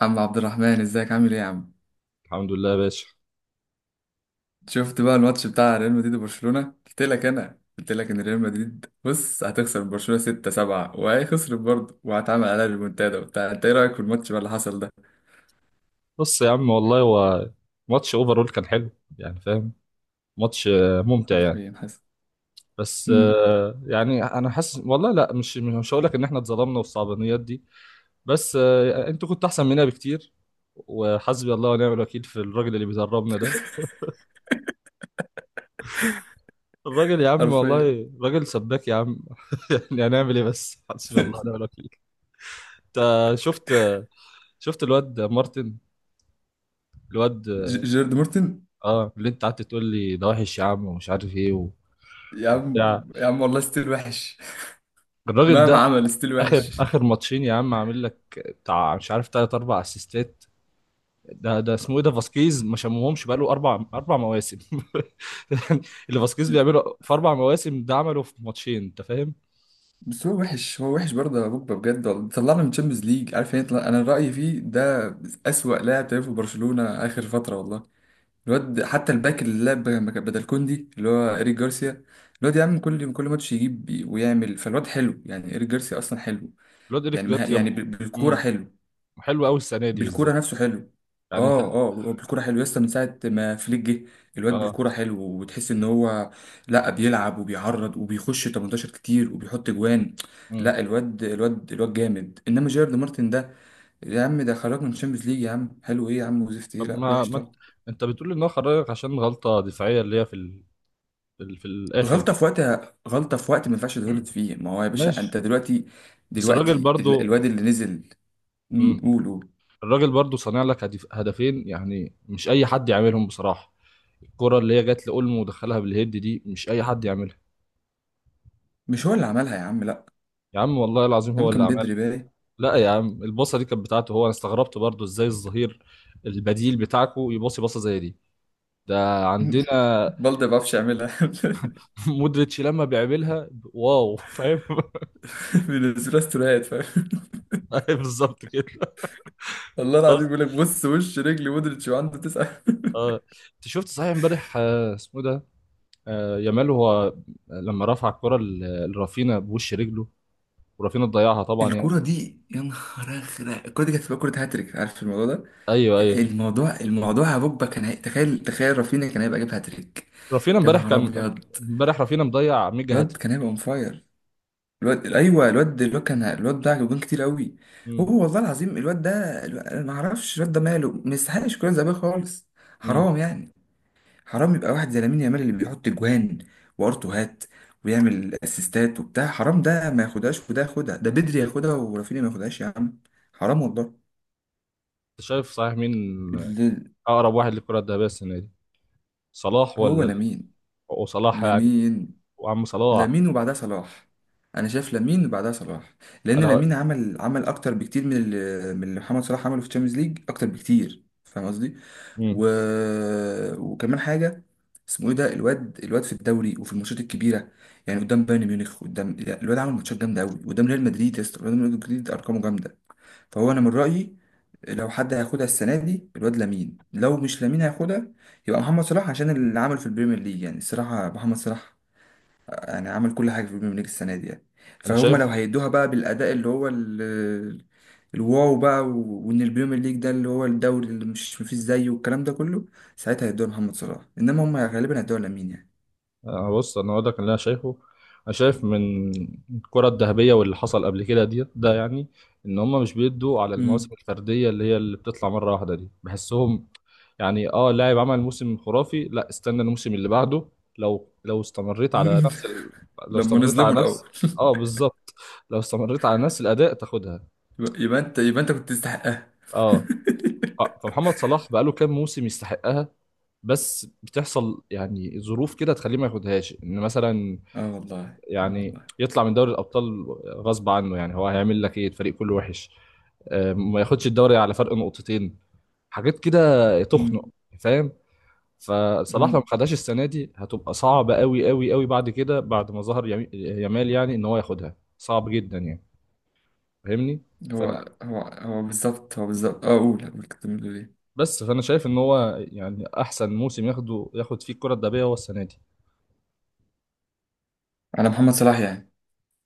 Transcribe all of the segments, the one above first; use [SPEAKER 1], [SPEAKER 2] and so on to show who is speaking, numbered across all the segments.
[SPEAKER 1] عم عبد الرحمن، ازيك عامل ايه يا عم؟
[SPEAKER 2] الحمد لله يا باشا.
[SPEAKER 1] شفت بقى الماتش بتاع ريال مدريد وبرشلونة؟ قلت لك، انا قلت لك ان ريال مدريد، بص، هتخسر برشلونة 6 7، وهي خسرت برضه وهتعمل عليها ريمونتادا وبتاع. انت ايه رايك في الماتش بقى اللي حصل ده؟
[SPEAKER 2] بص يا عم، والله هو ماتش اوفرول كان حلو. يعني فاهم؟ ماتش ممتع يعني.
[SPEAKER 1] حرفيا حصل.
[SPEAKER 2] بس
[SPEAKER 1] امم
[SPEAKER 2] يعني انا حاسس والله، لا مش هقول لك ان احنا اتظلمنا والصعبانيات دي. بس انتوا كنتوا احسن مننا بكتير. وحسبي الله ونعم الوكيل في الراجل اللي بيدربنا ده. الراجل يا عم
[SPEAKER 1] حرفيا.
[SPEAKER 2] والله راجل سباك يا عم. يعني هنعمل ايه، بس حسبي الله ونعم الوكيل. انت شفت، شفت الواد مارتن الواد.
[SPEAKER 1] جيرد مورتن.
[SPEAKER 2] اه، اللي انت قعدت تقول لي ده وحش يا عم ومش عارف ايه
[SPEAKER 1] يا عم،
[SPEAKER 2] وبتاع،
[SPEAKER 1] يا عم والله ستيل وحش.
[SPEAKER 2] الراجل ده.
[SPEAKER 1] مهما عمل ستيل
[SPEAKER 2] اخر
[SPEAKER 1] وحش.
[SPEAKER 2] اخر ماتشين يا عم، عامل لك بتاع مش عارف تلات اربع اسيستات. ده اسمه ايه ده، فاسكيز، ما شمهمش بقاله اربع مواسم. يعني اللي فاسكيز بيعمله في 4 مواسم ده عمله في ماتشين، انت فاهم؟
[SPEAKER 1] بس هو وحش، هو وحش برضه يا بوجبا، بجد والله طلعنا من تشامبيونز ليج، عارف يعني؟ انا رأيي فيه ده أسوأ لاعب تلعب في برشلونة آخر فترة والله. الواد حتى الباك اللي لعب بدل كوندي اللي هو إيريك جارسيا. الواد يا عم، كل ماتش يجيب ويعمل. فالواد حلو يعني إيريك جارسيا أصلا حلو.
[SPEAKER 2] الواد ايريك
[SPEAKER 1] يعني مها
[SPEAKER 2] جارسيا
[SPEAKER 1] يعني، بالكورة
[SPEAKER 2] مم.
[SPEAKER 1] حلو.
[SPEAKER 2] حلو قوي السنه دي
[SPEAKER 1] بالكورة
[SPEAKER 2] بالذات.
[SPEAKER 1] نفسه حلو.
[SPEAKER 2] يعني
[SPEAKER 1] اه اه هو بالكورة حلو لسه من ساعة ما فليك جه. الواد
[SPEAKER 2] اه.
[SPEAKER 1] بالكورة حلو وتحس إن هو، لا، بيلعب وبيعرض وبيخش 18 كتير وبيحط جوان.
[SPEAKER 2] مم.
[SPEAKER 1] لا الواد جامد، إنما جيرد مارتن ده يا عم، ده خرج من الشامبيونز ليج يا عم. حلو إيه يا عم وزفت إيه؟
[SPEAKER 2] طب
[SPEAKER 1] لا وحش
[SPEAKER 2] ما انت
[SPEAKER 1] طبعا.
[SPEAKER 2] انت بتقول ان هو خرجك عشان غلطه دفاعيه اللي هي في في الاخر
[SPEAKER 1] غلطة
[SPEAKER 2] دي.
[SPEAKER 1] في وقتها، غلطة في وقت ما ينفعش تغلط فيه. ما هو يا باشا
[SPEAKER 2] ماشي.
[SPEAKER 1] انت دلوقتي،
[SPEAKER 2] بس الراجل
[SPEAKER 1] دلوقتي
[SPEAKER 2] برضو.
[SPEAKER 1] الواد اللي نزل.
[SPEAKER 2] مم.
[SPEAKER 1] قولوا.
[SPEAKER 2] الراجل برضو صانع لك هدفين، يعني مش اي حد يعملهم بصراحه. الكرة اللي هي جت لأولمو ودخلها بالهيد دي مش أي حد يعملها.
[SPEAKER 1] مش هو اللي عملها يا عم، لا.
[SPEAKER 2] يا عم والله العظيم هو اللي
[SPEAKER 1] يمكن
[SPEAKER 2] عملها.
[SPEAKER 1] بدري بالي.
[SPEAKER 2] لا يا عم، الباصة دي كانت بتاعته هو. أنا استغربت برضو إزاي الظهير البديل بتاعكو يباصي باصة زي دي. ده عندنا.
[SPEAKER 1] بلدي ما بعرفش اعملها.
[SPEAKER 2] مودريتش لما بيعملها، واو، فاهم.
[SPEAKER 1] بينزلها استوريات فاهم.
[SPEAKER 2] أيوة بالظبط كده.
[SPEAKER 1] والله
[SPEAKER 2] بس
[SPEAKER 1] العظيم بيقول لك، بص، وش رجلي مودريتش، وعنده تسعة.
[SPEAKER 2] اه، انت شفت صحيح امبارح اسمه إيه ده، يامال، هو لما رفع الكرة لرافينا بوش رجله، ورافينا ضيعها طبعا يعني.
[SPEAKER 1] الكرة دي يا نهار ازرق، الكرة دي كانت هتبقى كرة هاتريك، عارف الموضوع ده؟
[SPEAKER 2] ايوه، ايوه.
[SPEAKER 1] الموضوع يا بوجبا كان تخيل تخيل رافينيا كان هيبقى جايب هاتريك.
[SPEAKER 2] رافينا
[SPEAKER 1] يا
[SPEAKER 2] امبارح
[SPEAKER 1] نهار
[SPEAKER 2] كان،
[SPEAKER 1] ابيض،
[SPEAKER 2] امبارح رافينا مضيع ميجا
[SPEAKER 1] الواد
[SPEAKER 2] هاتريك.
[SPEAKER 1] كان هيبقى اون فاير. الواد، ايوه الواد، الواد كان الواد ده جوان كتير قوي. هو والله العظيم الواد ده، انا ما اعرفش الواد ده ماله، ما يستحقش كرة ذهبية خالص.
[SPEAKER 2] مم.
[SPEAKER 1] حرام يعني. حرام يبقى واحد زي لامين يامال اللي بيحط جوان وارتوهات ويعمل اسيستات وبتاع، حرام ده ما ياخدهاش وده ياخدها، ده بدري ياخدها ورافينيا ما ياخدهاش يا عم. حرام والله.
[SPEAKER 2] انت شايف صحيح مين
[SPEAKER 1] ال-
[SPEAKER 2] اقرب واحد للكره الذهبيه السنه دي، صلاح
[SPEAKER 1] هو
[SPEAKER 2] ولا؟
[SPEAKER 1] لامين.
[SPEAKER 2] وصلاح يعني.
[SPEAKER 1] لامين
[SPEAKER 2] وعم صلاح.
[SPEAKER 1] لامين وبعدها صلاح. انا شايف لامين وبعدها صلاح. لان
[SPEAKER 2] انا.
[SPEAKER 1] لامين عمل اكتر بكتير من اللي، من اللي محمد صلاح عمله في الشامبيونز ليج، اكتر بكتير فاهم قصدي.
[SPEAKER 2] مم.
[SPEAKER 1] و... وكمان حاجه، اسمه ايه ده، الواد في الدوري وفي الماتشات الكبيره، يعني قدام بايرن ميونخ، قدام لا، الواد عمل ماتشات جامده قوي قدام ريال مدريد، يا اسطى قدام ريال مدريد ارقامه جامده. فهو انا من رايي لو حد هياخدها السنه دي، الواد لامين. لو مش لامين هياخدها يبقى محمد صلاح، عشان اللي عمله في البريمير ليج. يعني الصراحه محمد صلاح يعني عمل كل حاجة في البريمير ليج السنة دي يعني.
[SPEAKER 2] انا
[SPEAKER 1] فهم لو
[SPEAKER 2] شايف.
[SPEAKER 1] هيدوها بقى بالأداء اللي هو الواو بقى، وإن البريمير ليج ده اللي هو الدوري اللي مش مفيش زيه، والكلام ده كله، ساعتها هيدوها محمد صلاح، إنما هم غالبا هيدوها لامين يعني.
[SPEAKER 2] أنا بص، انا اقول لك اللي انا شايفه. انا شايف من الكره الذهبيه واللي حصل قبل كده دي، ده يعني ان هم مش بيدوا على
[SPEAKER 1] مم.
[SPEAKER 2] المواسم الفرديه اللي هي اللي بتطلع مره واحده دي، بحسهم. يعني اه، لاعب عمل موسم خرافي، لا استنى الموسم اللي بعده. لو استمريت على نفس لو
[SPEAKER 1] لما
[SPEAKER 2] استمريت
[SPEAKER 1] نظلموا
[SPEAKER 2] على نفس،
[SPEAKER 1] الأول.
[SPEAKER 2] اه بالظبط، لو استمريت على نفس الاداء تاخدها.
[SPEAKER 1] يبقى أنت، يبقى أنت كنت تستحقها.
[SPEAKER 2] اه. فمحمد صلاح بقاله كام موسم يستحقها، بس بتحصل يعني ظروف كده تخليه ما ياخدهاش، ان مثلا
[SPEAKER 1] اه والله. اه
[SPEAKER 2] يعني
[SPEAKER 1] والله.
[SPEAKER 2] يطلع من دوري الابطال غصب عنه، يعني هو هيعمل لك ايه، الفريق كله وحش. ما ياخدش الدوري على فرق نقطتين، حاجات كده
[SPEAKER 1] مم.
[SPEAKER 2] تخنق، فاهم؟ فصلاح لو ما
[SPEAKER 1] مم.
[SPEAKER 2] خدهاش السنه دي هتبقى صعبه قوي قوي قوي بعد كده، بعد ما ظهر يامال، يعني ان هو ياخدها صعب جدا يعني. فاهمني؟
[SPEAKER 1] هو،
[SPEAKER 2] فانا،
[SPEAKER 1] هو بالظبط، هو بالظبط، اه قول كنت بتقول ايه؟
[SPEAKER 2] بس فانا شايف ان هو يعني احسن موسم ياخده، ياخد فيه الكره الذهبيه هو السنه دي.
[SPEAKER 1] على محمد صلاح يعني.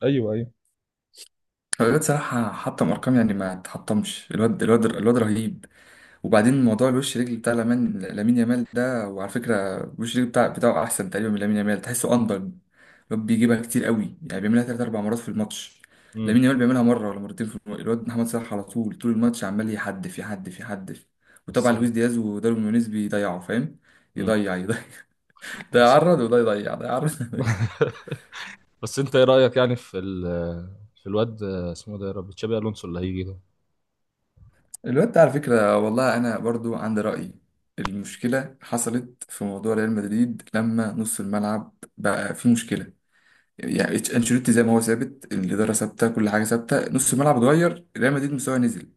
[SPEAKER 2] ايوه، ايوه.
[SPEAKER 1] الواد صراحة حطم أرقام يعني ما تحطمش. الواد رهيب. وبعدين موضوع الوش رجل بتاع لامين، لامين يامال ده. وعلى فكرة الوش رجل بتاع بتاعه أحسن تقريبا من لامين يامال، تحسه أندر. الواد بيجيبها كتير قوي يعني، بيعملها تلات أربع مرات في الماتش.
[SPEAKER 2] امم.
[SPEAKER 1] لامين يامال بيعملها مرة ولا مرتين في الواد محمد صلاح على طول، طول الماتش عمال يحدف يحدف يحدف. وطبعا
[SPEAKER 2] بس.
[SPEAKER 1] لويس دياز وداروين نونيز بيضيعوا فاهم.
[SPEAKER 2] امم.
[SPEAKER 1] يضيع يضيع. ده
[SPEAKER 2] بس انت.
[SPEAKER 1] يعرض وده يضيع، ده يعرض.
[SPEAKER 2] بس انت ايه رايك يعني في في الواد اسمه ده، يا رب، تشابي الونسو اللي هيجي ده.
[SPEAKER 1] الواد ده على فكرة والله أنا برضو عندي رأي. المشكلة حصلت في موضوع ريال مدريد لما نص الملعب بقى فيه مشكلة. يعني أنشيلوتي زي ما هو ثابت، الإدارة ثابتة، كل حاجة ثابتة، نص الملعب اتغير، ريال مدريد مستواه نزل.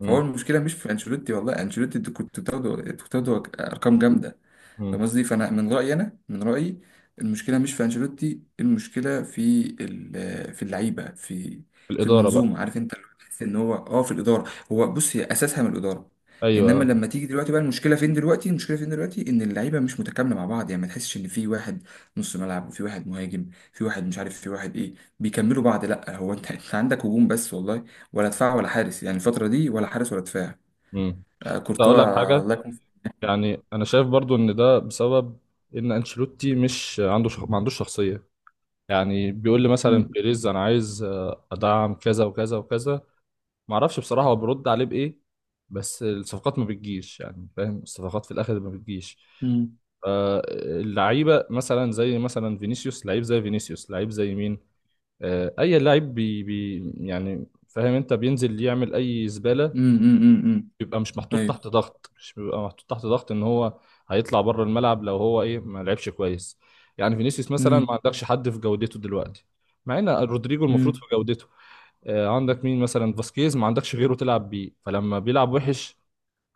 [SPEAKER 1] فهو
[SPEAKER 2] امم.
[SPEAKER 1] المشكلة مش في أنشيلوتي والله. أنشيلوتي أنت كنت بتاخده، كنت بتاخده أرقام جامدة.
[SPEAKER 2] امم.
[SPEAKER 1] فاهم قصدي؟ فانا من رايي، انا من رايي المشكله مش في انشيلوتي، المشكله في في اللعيبه، في
[SPEAKER 2] في
[SPEAKER 1] في
[SPEAKER 2] الاداره
[SPEAKER 1] المنظومه.
[SPEAKER 2] بقى.
[SPEAKER 1] عارف انت، اللي هو تحس ان هو، اه، في الاداره. هو بص، هي اساسها من الاداره. انما
[SPEAKER 2] ايوه.
[SPEAKER 1] لما تيجي دلوقتي بقى، المشكله فين دلوقتي؟ المشكله فين دلوقتي؟ ان اللعيبه مش متكامله مع بعض، يعني ما تحسش ان في واحد نص ملعب وفي واحد مهاجم، في واحد مش عارف في واحد ايه بيكملوا بعض. لا هو انت انت عندك هجوم بس والله، ولا دفاع ولا حارس يعني الفتره دي، ولا حارس ولا دفاع.
[SPEAKER 2] امم. كنت
[SPEAKER 1] كورتوا،
[SPEAKER 2] اقول لك
[SPEAKER 1] الله
[SPEAKER 2] حاجه،
[SPEAKER 1] يكون في-.
[SPEAKER 2] يعني انا شايف برضو ان ده بسبب ان انشيلوتي مش عنده ما عندوش شخصيه. يعني بيقول لي مثلا
[SPEAKER 1] مم.
[SPEAKER 2] بيريز انا عايز ادعم كذا وكذا وكذا، ما اعرفش بصراحه هو بيرد عليه بايه، بس الصفقات ما بتجيش. يعني فاهم، الصفقات في الاخر ما بتجيش.
[SPEAKER 1] مم.
[SPEAKER 2] آه، اللعيبه مثلا، زي مثلا فينيسيوس، لعيب زي فينيسيوس لعيب زي مين؟ اي لعيب بي يعني، فاهم انت، بينزل يعمل اي زباله.
[SPEAKER 1] مم. مم. مم.
[SPEAKER 2] بيبقى مش محطوط
[SPEAKER 1] ايوه.
[SPEAKER 2] تحت ضغط، مش بيبقى محطوط تحت ضغط ان هو هيطلع بره الملعب لو هو ايه ما لعبش كويس. يعني فينيسيوس مثلا ما
[SPEAKER 1] امم
[SPEAKER 2] عندكش حد في جودته دلوقتي، مع ان رودريجو المفروض في
[SPEAKER 1] امم
[SPEAKER 2] جودته. عندك مين مثلا؟ فاسكيز، ما عندكش غيره تلعب بيه، فلما بيلعب وحش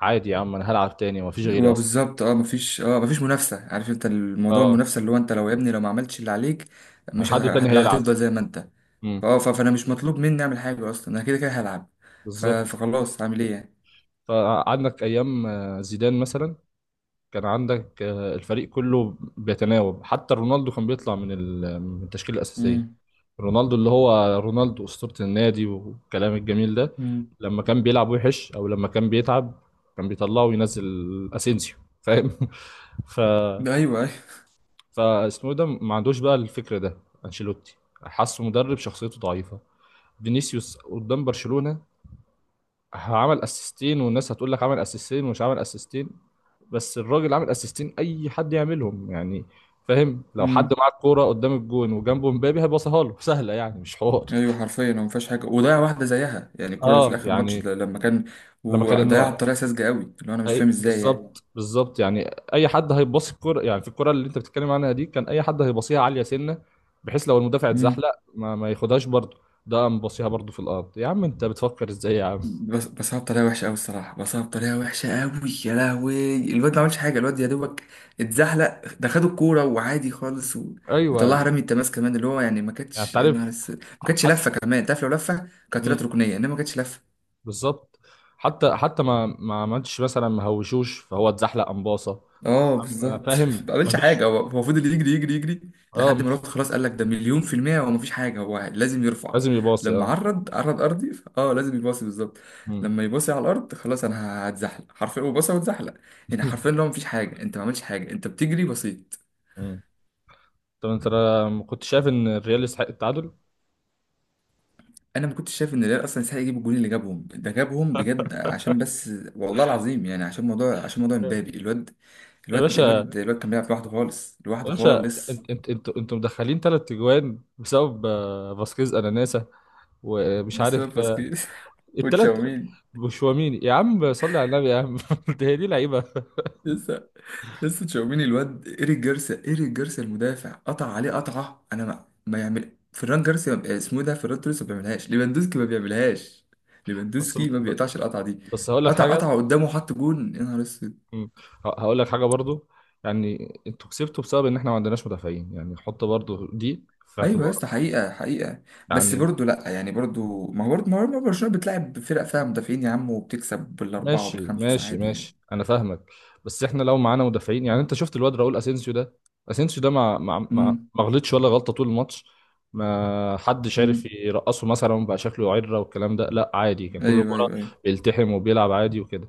[SPEAKER 2] عادي، يا عم انا هلعب تاني، ما فيش غيري
[SPEAKER 1] هو
[SPEAKER 2] اصلا.
[SPEAKER 1] بالظبط، اه مفيش، مفيش منافسه. عارف انت الموضوع؟
[SPEAKER 2] اه،
[SPEAKER 1] المنافسه اللي هو انت لو، يا ابني لو ما عملتش اللي عليك، مش
[SPEAKER 2] حد
[SPEAKER 1] ه...
[SPEAKER 2] تاني
[SPEAKER 1] لا
[SPEAKER 2] هيلعب.
[SPEAKER 1] هتفضل زي ما انت.
[SPEAKER 2] امم.
[SPEAKER 1] فانا مش مطلوب مني اعمل حاجه اصلا، انا كده كده هلعب.
[SPEAKER 2] بالظبط.
[SPEAKER 1] فخلاص، عامل ايه يعني؟
[SPEAKER 2] فعندك ايام زيدان مثلا، كان عندك الفريق كله بيتناوب، حتى رونالدو كان بيطلع من من التشكيله الاساسيه.
[SPEAKER 1] امم
[SPEAKER 2] رونالدو، اللي هو رونالدو اسطوره النادي والكلام الجميل ده،
[SPEAKER 1] امم
[SPEAKER 2] لما كان بيلعب وحش او لما كان بيتعب كان بيطلعه وينزل اسينسيو، فاهم؟ ف
[SPEAKER 1] ده ايوه ايوه.
[SPEAKER 2] فاسمه إيه ده، ما عندوش بقى الفكر ده، انشيلوتي. حاسه مدرب شخصيته ضعيفه. فينيسيوس قدام برشلونه عمل اسيستين، والناس هتقول لك عمل اسيستين ومش عمل اسيستين، بس الراجل عمل اسيستين، اي حد يعملهم يعني. فاهم؟ لو حد
[SPEAKER 1] امم.
[SPEAKER 2] معاه الكوره قدام الجون وجنبه مبابي هيباصيها له، سهله يعني، مش حوار.
[SPEAKER 1] ايوه حرفيا ما فيهاش حاجه. وضيع واحده زيها يعني الكره اللي في
[SPEAKER 2] اه
[SPEAKER 1] الاخر ماتش
[SPEAKER 2] يعني،
[SPEAKER 1] ده لما كان،
[SPEAKER 2] لما كان انه،
[SPEAKER 1] وضيعها بطريقه ساذجه قوي، اللي هو انا مش فاهم ازاي
[SPEAKER 2] بالظبط، بالظبط يعني. اي حد هيباصي الكوره يعني، في الكوره اللي انت بتتكلم عنها دي كان اي حد هيباصيها عاليه سنه، بحيث لو المدافع
[SPEAKER 1] يعني.
[SPEAKER 2] اتزحلق ما ياخدهاش برضه. ده قام باصيها برضه في الارض، يا عم انت بتفكر ازاي يا عم؟
[SPEAKER 1] بس هو بطريقه وحشه قوي الصراحه، بس هو بطريقه وحشه قوي. يا لهوي الواد ما عملش حاجه، الواد يا دوبك اتزحلق، ده خد الكوره وعادي خالص. و...
[SPEAKER 2] ايوه
[SPEAKER 1] وطلعها
[SPEAKER 2] يعني.
[SPEAKER 1] رمي التماس كمان، اللي هو يعني ما كانتش،
[SPEAKER 2] انت
[SPEAKER 1] يا نهار
[SPEAKER 2] عارف،
[SPEAKER 1] اسود ما كانتش لفه
[SPEAKER 2] حتى،
[SPEAKER 1] كمان، تعرف لو لفه كانت طلعت ركنيه، انما ما كانتش لفه.
[SPEAKER 2] بالظبط. حتى ما عملتش مثلا، ما هوشوش فهو اتزحلق أمباصة.
[SPEAKER 1] اه
[SPEAKER 2] أما
[SPEAKER 1] بالظبط.
[SPEAKER 2] فاهم؟
[SPEAKER 1] ما عملش
[SPEAKER 2] مفيش.
[SPEAKER 1] حاجه هو. هو فضل يجري يجري يجري
[SPEAKER 2] اه،
[SPEAKER 1] لحد ما الوقت خلاص. قال لك ده مليون في المية، هو مفيش حاجه، هو لازم يرفع.
[SPEAKER 2] لازم يباصي
[SPEAKER 1] لما
[SPEAKER 2] اه.
[SPEAKER 1] عرض ارضي، اه لازم يباصي بالظبط.
[SPEAKER 2] مم.
[SPEAKER 1] لما يباصي على الارض خلاص انا هتزحلق، حرفيا هو باصي واتزحلق. يعني حرفيا لو مفيش حاجه انت ما عملتش حاجه، انت بتجري بسيط.
[SPEAKER 2] مم. طب انت ما كنت شايف ان الريال يستحق التعادل؟
[SPEAKER 1] انا ما كنتش شايف ان الريال اصلا يستحق يجيب الجول، اللي جابهم ده جابهم بجد، عشان بس والله العظيم يعني، عشان موضوع، عشان موضوع امبابي. الواد
[SPEAKER 2] يا
[SPEAKER 1] الواد
[SPEAKER 2] باشا،
[SPEAKER 1] الواد الواد كان بيلعب لوحده خالص،
[SPEAKER 2] يا
[SPEAKER 1] لوحده
[SPEAKER 2] باشا
[SPEAKER 1] خالص.
[SPEAKER 2] انت انتوا مدخلين 3 اجوان بسبب فاسكيز اناناسا ومش عارف
[SPEAKER 1] بسبب باسكيز.
[SPEAKER 2] التلات،
[SPEAKER 1] وتشاوميني.
[SPEAKER 2] وشواميني. يا عم صلي على النبي يا عم، ده هي دي لعيبه.
[SPEAKER 1] لسه، لسه تشاوميني، الواد إيريك جارسيا، إيريك جارسيا المدافع قطع عليه قطعة. أنا ما يعمل فران جارسيا، اسمه إيه ده، فران توريس، ما بيعملهاش، ليفاندوسكي ما بيعملهاش،
[SPEAKER 2] بس
[SPEAKER 1] ليفاندوسكي ما بيقطعش القطعة دي.
[SPEAKER 2] بس هقول لك
[SPEAKER 1] قطع
[SPEAKER 2] حاجه.
[SPEAKER 1] قطعة قدامه حط جون، يا نهار اسود.
[SPEAKER 2] مم. هقول لك حاجه برضو، يعني انتوا كسبتوا بسبب ان احنا ما عندناش مدافعين، يعني حط برضو دي في
[SPEAKER 1] ايوه يا اسطى،
[SPEAKER 2] اعتبارك.
[SPEAKER 1] حقيقة حقيقة. بس
[SPEAKER 2] يعني
[SPEAKER 1] برضه، لا يعني، برضه ما هو، برضه ما هو برشلونة بتلعب فرق فيها مدافعين يا عم وبتكسب بالأربعة
[SPEAKER 2] ماشي
[SPEAKER 1] وبالخمسة
[SPEAKER 2] ماشي
[SPEAKER 1] عادي يعني.
[SPEAKER 2] ماشي، انا فاهمك. بس احنا لو معانا مدافعين، يعني انت شفت الواد راؤول اسينسيو ده، اسينسيو ده ما ما ما
[SPEAKER 1] امم.
[SPEAKER 2] ما غلطش ولا غلطه طول الماتش، ما حدش عارف
[SPEAKER 1] امم.
[SPEAKER 2] يرقصه مثلا بقى شكله عره والكلام ده، لا عادي ككل
[SPEAKER 1] ايوه
[SPEAKER 2] كره
[SPEAKER 1] ايوه ايوه.
[SPEAKER 2] بيلتحم وبيلعب عادي وكده.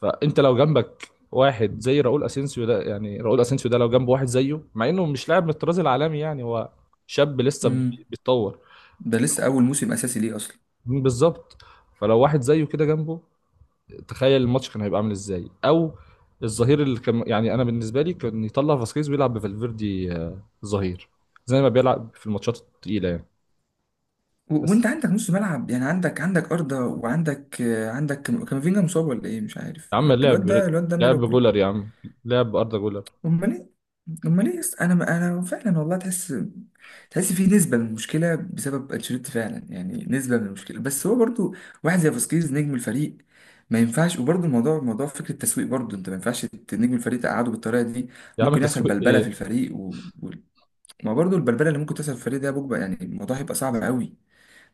[SPEAKER 2] فانت لو جنبك واحد زي راؤول اسينسيو ده، يعني راؤول اسينسيو ده لو جنب واحد زيه، مع انه مش لاعب من الطراز العالمي، يعني هو شاب لسه
[SPEAKER 1] امم.
[SPEAKER 2] بيتطور.
[SPEAKER 1] ده لسه أول موسم أساسي ليه أصلا.
[SPEAKER 2] بالظبط. فلو واحد زيه كده جنبه، تخيل الماتش كان هيبقى عامل ازاي. او الظهير اللي كان، يعني انا بالنسبه لي كان يطلع فاسكيز ويلعب بفالفيردي ظهير، زي ما بيلعب في الماتشات التقيله يعني. بس
[SPEAKER 1] وانت عندك نص ملعب يعني، عندك، عندك أرضة، وعندك، عندك كامافينجا مصاب ولا ايه مش عارف،
[SPEAKER 2] يا عم
[SPEAKER 1] الواد
[SPEAKER 2] لعب،
[SPEAKER 1] ده، الواد ده ماله
[SPEAKER 2] لعب جولر
[SPEAKER 1] كله؟
[SPEAKER 2] يا عم، لعب اردا جولر.
[SPEAKER 1] امال ايه. امال ايه؟ انا، انا فعلا والله تحس، تحس في نسبة من المشكلة بسبب انشيلوتي فعلا يعني، نسبة من المشكلة. بس هو برضو واحد زي فاسكيز نجم الفريق، ما ينفعش. وبرضو الموضوع موضوع فكرة التسويق. برضو انت ما ينفعش نجم الفريق تقعده بالطريقة دي.
[SPEAKER 2] يا عم
[SPEAKER 1] ممكن يحصل
[SPEAKER 2] تسويق
[SPEAKER 1] بلبلة في
[SPEAKER 2] ايه؟
[SPEAKER 1] الفريق و... و... ما برضو البلبلة اللي ممكن تحصل في الفريق ده بوجبة، يعني الموضوع هيبقى صعب قوي.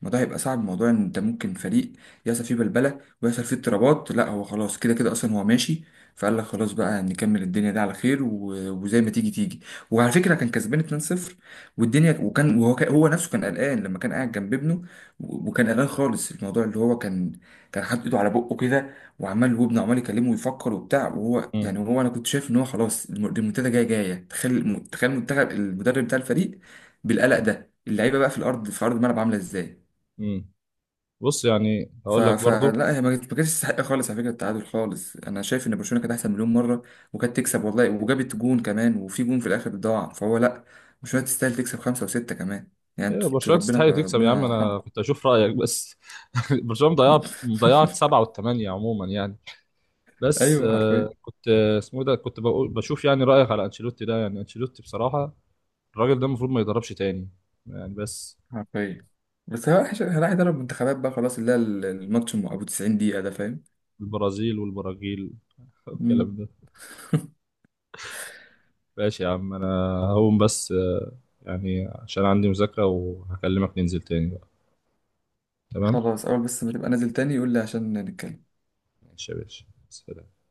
[SPEAKER 1] الموضوع هيبقى صعب، موضوع ان انت ممكن فريق يحصل فيه بلبله ويحصل فيه اضطرابات. لا هو خلاص كده كده اصلا هو ماشي، فقال لك خلاص بقى نكمل الدنيا دي على خير، وزي ما تيجي تيجي. وعلى فكره كان كسبان 2-0 والدنيا، وكان، وهو هو نفسه كان قلقان لما كان قاعد جنب ابنه. وكان قلقان خالص. الموضوع اللي هو كان، كان حاطط ايده على بقه كده وعمال، وابنه عمال يكلمه ويفكر وبتاع، وهو
[SPEAKER 2] مم.
[SPEAKER 1] يعني هو، انا كنت شايف ان هو خلاص المنتدى جايه جايه. تخيل تخيل المنتخب، المدرب بتاع الفريق بالقلق ده، اللعيبه بقى في الارض في ارض الملعب عامله ازاي؟
[SPEAKER 2] مم. بص يعني هقول لك برضو،
[SPEAKER 1] فلا هي، ما كانتش تستحق خالص على فكره التعادل خالص، انا شايف ان برشلونه كانت احسن مليون مره وكانت تكسب والله، وجابت جون كمان، وفي جون في الاخر ضاع. فهو لا، برشلونه تستاهل تكسب 5 و6 كمان. يعني
[SPEAKER 2] ايوه
[SPEAKER 1] انتوا
[SPEAKER 2] برشلونه
[SPEAKER 1] ربنا،
[SPEAKER 2] تستحق تكسب يا عم،
[SPEAKER 1] ربنا
[SPEAKER 2] انا
[SPEAKER 1] يرحمكم.
[SPEAKER 2] كنت اشوف رايك بس. برشلونه مضيعه مضيعه 7 والـ8 عموما يعني. بس
[SPEAKER 1] ايوه حرفيا
[SPEAKER 2] كنت اسمه إيه ده، كنت بقول بشوف يعني رايك على انشيلوتي ده، يعني انشيلوتي بصراحه الراجل ده المفروض ما يدربش تاني. يعني بس،
[SPEAKER 1] حرفيا. بس هو راح يدرب منتخبات بقى خلاص، اللي هي الماتش ابو 90 دقيقه ده فاهم.
[SPEAKER 2] البرازيل والبراجيل، والكلام
[SPEAKER 1] مم.
[SPEAKER 2] ده. ماشي يا عم، انا هقوم بس، يعني عشان عندي مذاكره، وهكلمك ننزل تاني بقى. تمام.
[SPEAKER 1] خلاص، اول بس ما تبقى نازل تاني يقول لي عشان نتكلم.
[SPEAKER 2] ماشي يا باشا. سلام.